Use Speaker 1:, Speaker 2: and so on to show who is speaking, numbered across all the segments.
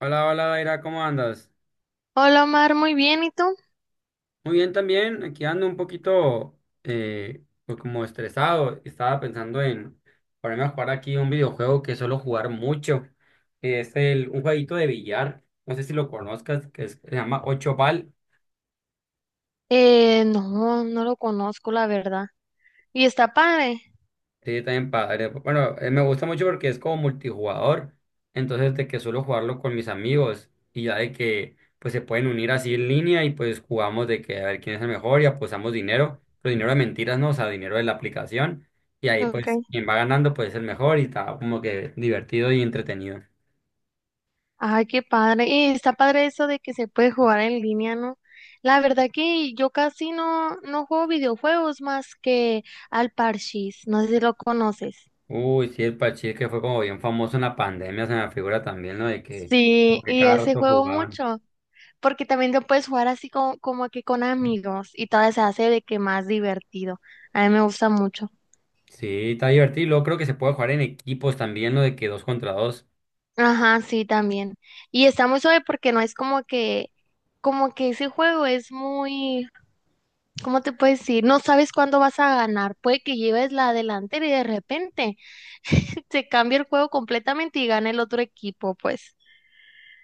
Speaker 1: Hola, hola, Daira, ¿cómo andas?
Speaker 2: Hola Omar, muy bien, ¿y tú?
Speaker 1: Muy bien también, aquí ando un poquito pues como estresado. Estaba pensando en ponerme a jugar aquí un videojuego que suelo jugar mucho. Es un jueguito de billar, no sé si lo conozcas, se llama Ocho Ball.
Speaker 2: No lo conozco, la verdad. ¿Y está padre?
Speaker 1: Sí, también padre. Bueno, me gusta mucho porque es como multijugador. Entonces, de que suelo jugarlo con mis amigos y ya de que pues se pueden unir así en línea y pues jugamos de que a ver quién es el mejor y apostamos dinero, pero dinero de mentiras, no, o sea, dinero de la aplicación. Y ahí
Speaker 2: Ok.
Speaker 1: pues quien va ganando pues es el mejor y está como que divertido y entretenido.
Speaker 2: Ay, qué padre. Y está padre eso de que se puede jugar en línea, ¿no? La verdad que yo casi no, no juego videojuegos más que al Parchís, no sé si lo conoces.
Speaker 1: Uy, sí, el Pachir que fue como bien famoso en la pandemia, se me figura también, ¿no? De que como
Speaker 2: Sí,
Speaker 1: que
Speaker 2: y
Speaker 1: cada
Speaker 2: ese
Speaker 1: rato
Speaker 2: juego
Speaker 1: jugaban.
Speaker 2: mucho, porque también lo puedes jugar como que con amigos y todavía se hace de que más divertido. A mí me gusta mucho.
Speaker 1: Sí, está divertido. Luego creo que se puede jugar en equipos también, ¿no? De que dos contra dos.
Speaker 2: Ajá, sí, también. Y está muy suave porque no es como que ese juego es muy, ¿cómo te puedo decir? No sabes cuándo vas a ganar. Puede que lleves la delantera y de repente se cambia el juego completamente y gana el otro equipo, pues.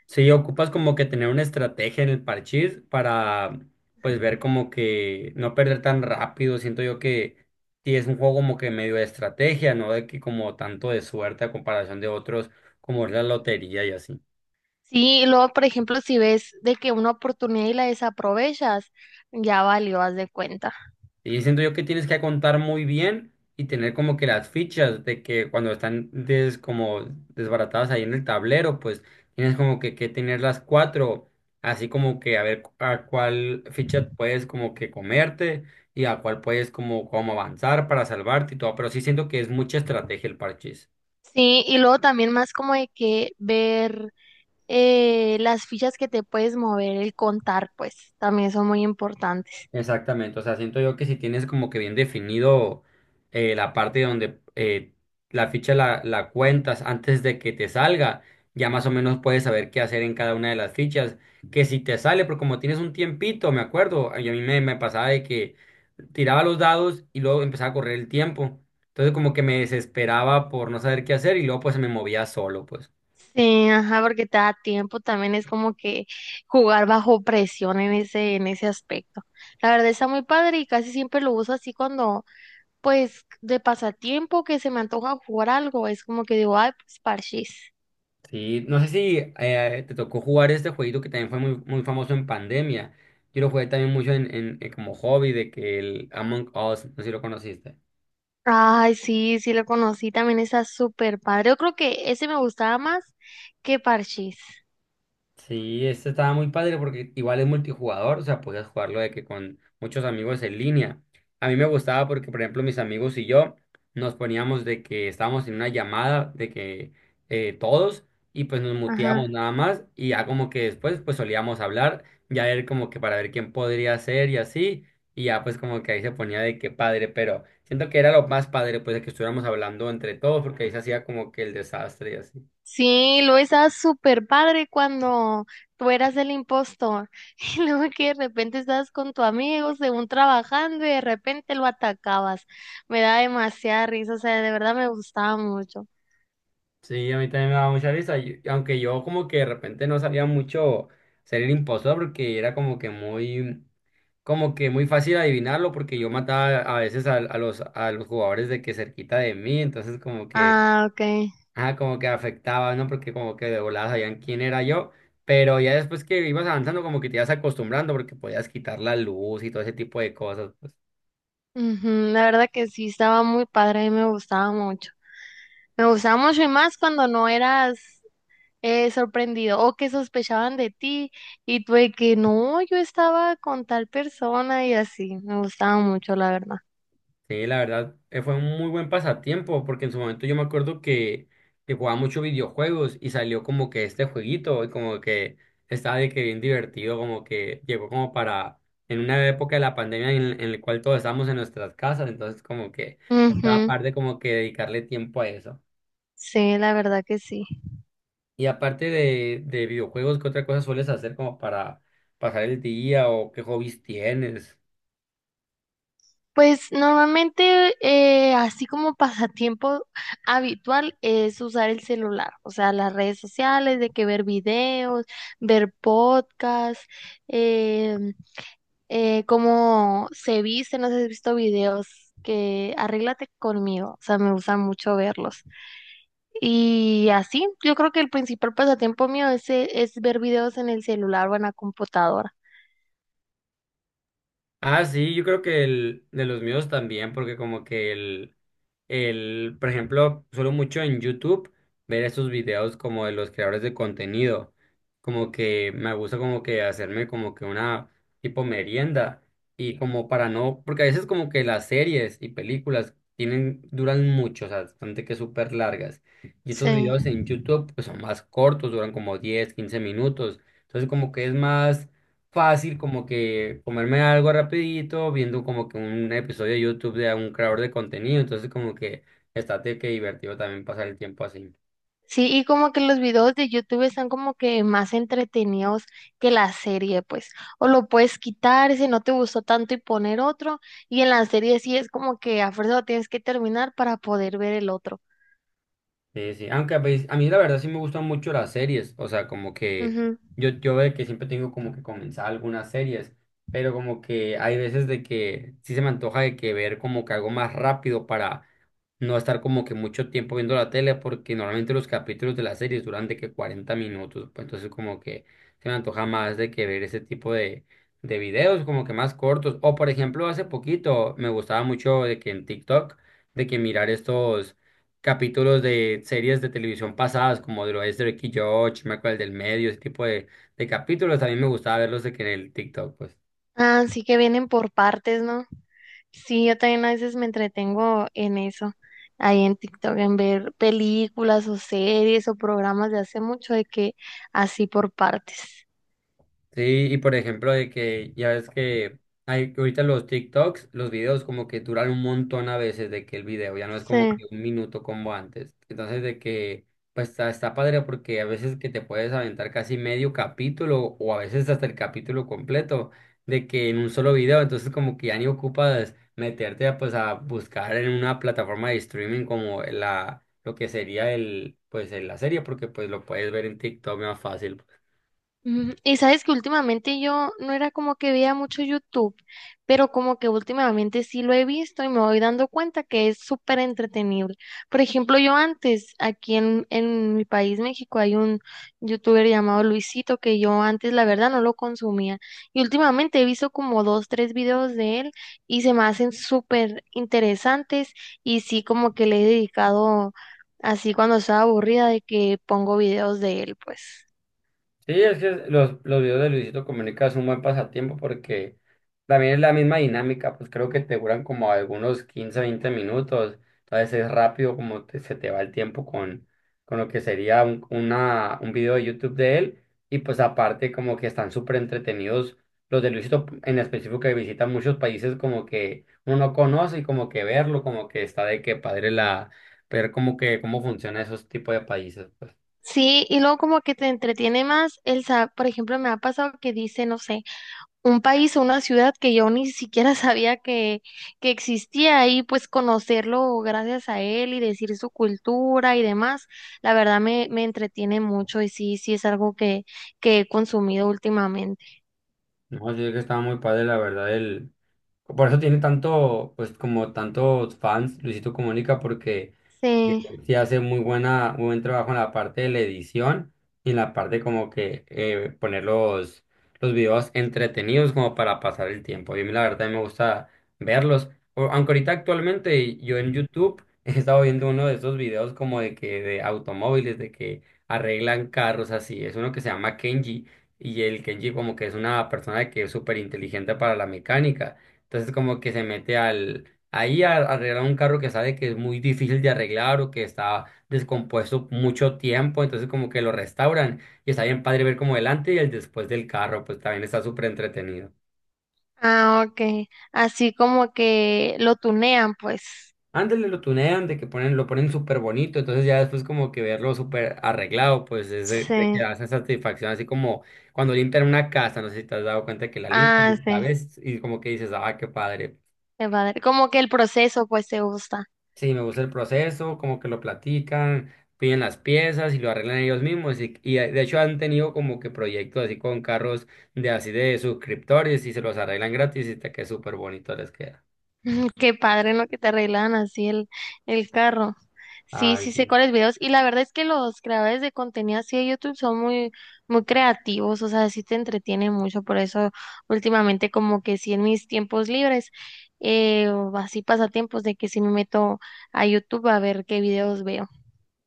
Speaker 1: Sí, ocupas como que tener una estrategia en el parchís para pues ver como que no perder tan rápido. Siento yo que sí es un juego como que medio de estrategia, no de que como tanto de suerte a comparación de otros como es la lotería y así.
Speaker 2: Sí, y luego, por ejemplo, si ves de que una oportunidad y la desaprovechas, ya valió, haz de cuenta.
Speaker 1: Y siento yo que tienes que contar muy bien y tener como que las fichas de que cuando están como desbaratadas ahí en el tablero, pues tienes que tener las cuatro, así como que a ver a cuál ficha puedes como que comerte y a cuál puedes como avanzar para salvarte y todo, pero sí siento que es mucha estrategia el parche.
Speaker 2: Sí, y luego también más como de que ver las fichas que te puedes mover, el contar, pues, también son muy importantes.
Speaker 1: Exactamente, o sea, siento yo que si tienes como que bien definido la parte donde la ficha la cuentas antes de que te salga, ya más o menos puedes saber qué hacer en cada una de las fichas, que si te sale, porque como tienes un tiempito, me acuerdo, y a mí me pasaba de que tiraba los dados y luego empezaba a correr el tiempo, entonces como que me desesperaba por no saber qué hacer y luego pues se me movía solo, pues.
Speaker 2: Sí, ajá, porque te da tiempo, también es como que jugar bajo presión en en ese aspecto. La verdad está muy padre y casi siempre lo uso así pues, de pasatiempo que se me antoja jugar algo, es como que digo, ay, pues parchís.
Speaker 1: Sí, no sé si te tocó jugar este jueguito que también fue muy, muy famoso en pandemia. Yo lo jugué también mucho en como hobby de que el Among Us, no sé si lo conociste.
Speaker 2: Ay, sí, sí lo conocí, también está súper padre. Yo creo que ese me gustaba más que parchís.
Speaker 1: Sí, este estaba muy padre porque igual es multijugador, o sea, podías jugarlo de que con muchos amigos en línea. A mí me gustaba porque, por ejemplo, mis amigos y yo nos poníamos de que estábamos en una llamada de que todos y pues nos muteamos
Speaker 2: Ajá.
Speaker 1: nada más y ya como que después pues solíamos hablar, ya ver como que para ver quién podría ser y así, y ya pues como que ahí se ponía de que padre, pero siento que era lo más padre pues de que estuviéramos hablando entre todos porque ahí se hacía como que el desastre y así.
Speaker 2: Sí, luego estaba súper padre cuando tú eras el impostor. Y luego que de repente estabas con tu amigo, según trabajando, y de repente lo atacabas. Me da demasiada risa, o sea, de verdad me gustaba mucho.
Speaker 1: Sí, a mí también me daba mucha risa, aunque yo como que de repente no sabía mucho ser el impostor porque era como que muy fácil adivinarlo porque yo mataba a veces a a los jugadores de que cerquita de mí, entonces
Speaker 2: Ah, ok.
Speaker 1: ah, como que afectaba, ¿no? Porque como que de volada sabían quién era yo, pero ya después que ibas avanzando como que te ibas acostumbrando porque podías quitar la luz y todo ese tipo de cosas.
Speaker 2: Ujú. La verdad que sí, estaba muy padre y me gustaba mucho. Me gustaba mucho y más cuando no eras sorprendido o que sospechaban de ti y tú de que no, yo estaba con tal persona y así. Me gustaba mucho, la verdad.
Speaker 1: Sí, la verdad, fue un muy buen pasatiempo, porque en su momento yo me acuerdo que jugaba mucho videojuegos y salió como que este jueguito, y como que estaba de que bien divertido, como que llegó como para, en una época de la pandemia en la cual todos estábamos en nuestras casas, entonces como que estaba
Speaker 2: Ujú.
Speaker 1: aparte como que dedicarle tiempo a eso.
Speaker 2: Sí, la verdad que sí.
Speaker 1: Y aparte de videojuegos, ¿qué otra cosa sueles hacer como para pasar el día o qué hobbies tienes?
Speaker 2: Pues normalmente, así como pasatiempo habitual, es usar el celular, o sea, las redes sociales, de que ver videos, ver podcasts, eh, cómo se viste, no sé si has visto videos que arréglate conmigo, o sea, me gusta mucho verlos. Y así, yo creo que el principal pasatiempo mío es ver videos en el celular o en la computadora.
Speaker 1: Ah, sí, yo creo que el de los míos también, porque como que por ejemplo, suelo mucho en YouTube ver esos videos como de los creadores de contenido, como que me gusta como que hacerme como que una tipo merienda y como para no, porque a veces como que las series y películas tienen, duran mucho, o sea, bastante que súper largas. Y estos
Speaker 2: Sí.
Speaker 1: videos en YouTube pues son más cortos, duran como 10, 15 minutos. Entonces como que es más fácil como que comerme algo rapidito, viendo como que un episodio de YouTube de un creador de contenido, entonces como que estate que divertido también pasar el tiempo así.
Speaker 2: Sí, y como que los videos de YouTube están como que más entretenidos que la serie, pues. O lo puedes quitar si no te gustó tanto y poner otro. Y en la serie sí es como que a fuerza lo tienes que terminar para poder ver el otro.
Speaker 1: Sí, sí, aunque a mí la verdad sí me gustan mucho las series, o sea, como que
Speaker 2: Ujú.
Speaker 1: yo de que siempre tengo como que comenzar algunas series, pero como que hay veces de que sí se me antoja de que ver como que algo más rápido para no estar como que mucho tiempo viendo la tele, porque normalmente los capítulos de las series duran de que 40 minutos, pues entonces como que se me antoja más de que ver ese tipo de videos como que más cortos, o por ejemplo hace poquito me gustaba mucho de que en TikTok, de que mirar estos capítulos de series de televisión pasadas, como de lo es de Ricky George, me acuerdo el del medio, ese tipo de capítulos. A mí me gustaba verlos de que en el TikTok, pues.
Speaker 2: Ah, sí que vienen por partes, ¿no? Sí, yo también a veces me entretengo en eso, ahí en TikTok, en ver películas o series o programas de hace mucho de que así por partes.
Speaker 1: Sí, y por ejemplo, de que ya ves que hay que ahorita los TikToks, los videos como que duran un montón a veces de que el video ya no es como
Speaker 2: Sí.
Speaker 1: que un minuto como antes. Entonces, de que pues está padre porque a veces que te puedes aventar casi medio capítulo o a veces hasta el capítulo completo de que en un solo video, entonces como que ya ni ocupas meterte a, pues a buscar en una plataforma de streaming como la lo que sería el pues el- la serie porque pues lo puedes ver en TikTok más fácil.
Speaker 2: Ujú. Y sabes que últimamente yo no era como que veía mucho YouTube, pero como que últimamente sí lo he visto y me voy dando cuenta que es súper entretenible. Por ejemplo, yo antes, en mi país, México, hay un youtuber llamado Luisito que yo antes la verdad no lo consumía. Y últimamente he visto como 2 o 3 videos de él y se me hacen súper interesantes y sí como que le he dedicado así cuando estaba aburrida de que pongo videos de él, pues.
Speaker 1: Sí, es que los videos de Luisito Comunica es un buen pasatiempo porque también es la misma dinámica, pues creo que te duran como algunos 15 20 minutos, entonces es rápido como se te va el tiempo con lo que sería un video de YouTube de él y pues aparte como que están súper entretenidos los de Luisito en específico que visitan muchos países como que uno no conoce y como que verlo, como que está de que padre ver como que cómo funciona esos tipos de países, pues.
Speaker 2: Sí, y luego como que te entretiene más el saber, por ejemplo, me ha pasado que dice, no sé, un país o una ciudad que yo ni siquiera sabía que existía y pues conocerlo gracias a él y decir su cultura y demás, me entretiene mucho y sí, sí es algo que he consumido últimamente.
Speaker 1: No, sí, es que estaba muy padre la verdad el. Por eso tiene tanto, pues como tantos fans Luisito Comunica, porque
Speaker 2: Sí,
Speaker 1: sí hace muy buena, muy buen trabajo en la parte de la edición y en la parte como que poner los videos entretenidos como para pasar el tiempo. Y a mí la verdad me gusta verlos. Aunque ahorita actualmente yo en YouTube he estado viendo uno de esos videos como de que de automóviles, de que arreglan carros así. Es uno que se llama Kenji y el Kenji como que es una persona que es súper inteligente para la mecánica. Entonces como que se mete al. Ahí arreglar un carro que sabe que es muy difícil de arreglar o que está descompuesto mucho tiempo, entonces como que lo restauran y está bien padre ver como delante y el después del carro, pues también está súper entretenido.
Speaker 2: ah, ok, así como que lo tunean, pues,
Speaker 1: Ándale, lo tunean, de que ponen, lo ponen súper bonito, entonces ya después como que verlo súper arreglado, pues es de que
Speaker 2: sí,
Speaker 1: da esa satisfacción, así como cuando limpian una casa, no sé si te has dado cuenta que la limpian,
Speaker 2: ah,
Speaker 1: y la
Speaker 2: sí,
Speaker 1: ves y como que dices, ah, qué padre.
Speaker 2: qué padre, como que el proceso pues te gusta.
Speaker 1: Sí, me gusta el proceso, como que lo platican, piden las piezas y lo arreglan ellos mismos. Y de hecho han tenido como que proyectos así con carros de así de suscriptores y se los arreglan gratis y te queda súper bonito les queda.
Speaker 2: Mm, qué padre en lo que te arreglan así el carro. Sí,
Speaker 1: Ay,
Speaker 2: sí sé
Speaker 1: sí.
Speaker 2: cuáles videos. Y la verdad es que los creadores de contenido así de YouTube son muy, muy creativos, o sea, sí te entretienen mucho. Por eso últimamente como que sí en mis tiempos libres, o así pasatiempos de que sí me meto a YouTube a ver qué videos veo.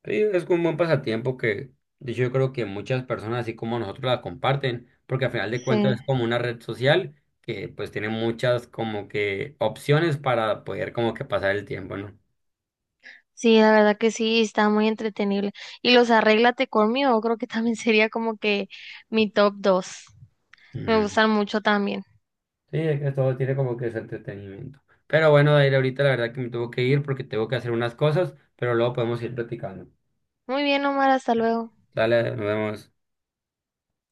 Speaker 1: Sí, es un buen pasatiempo que de hecho yo creo que muchas personas así como nosotros la comparten, porque al final de cuentas
Speaker 2: Sí.
Speaker 1: es como una red social que pues tiene muchas como que opciones para poder como que pasar el tiempo, ¿no?
Speaker 2: Sí, la verdad que sí, está muy entretenible. Y los Arréglate conmigo, creo que también sería como que mi top 2. Me
Speaker 1: Mm.
Speaker 2: gustan mucho también.
Speaker 1: Sí, es que todo tiene como que ese entretenimiento. Pero bueno, Dair, ahorita la verdad que me tengo que ir porque tengo que hacer unas cosas, pero luego podemos ir platicando.
Speaker 2: Muy bien, Omar, hasta luego.
Speaker 1: Dale, nos vemos.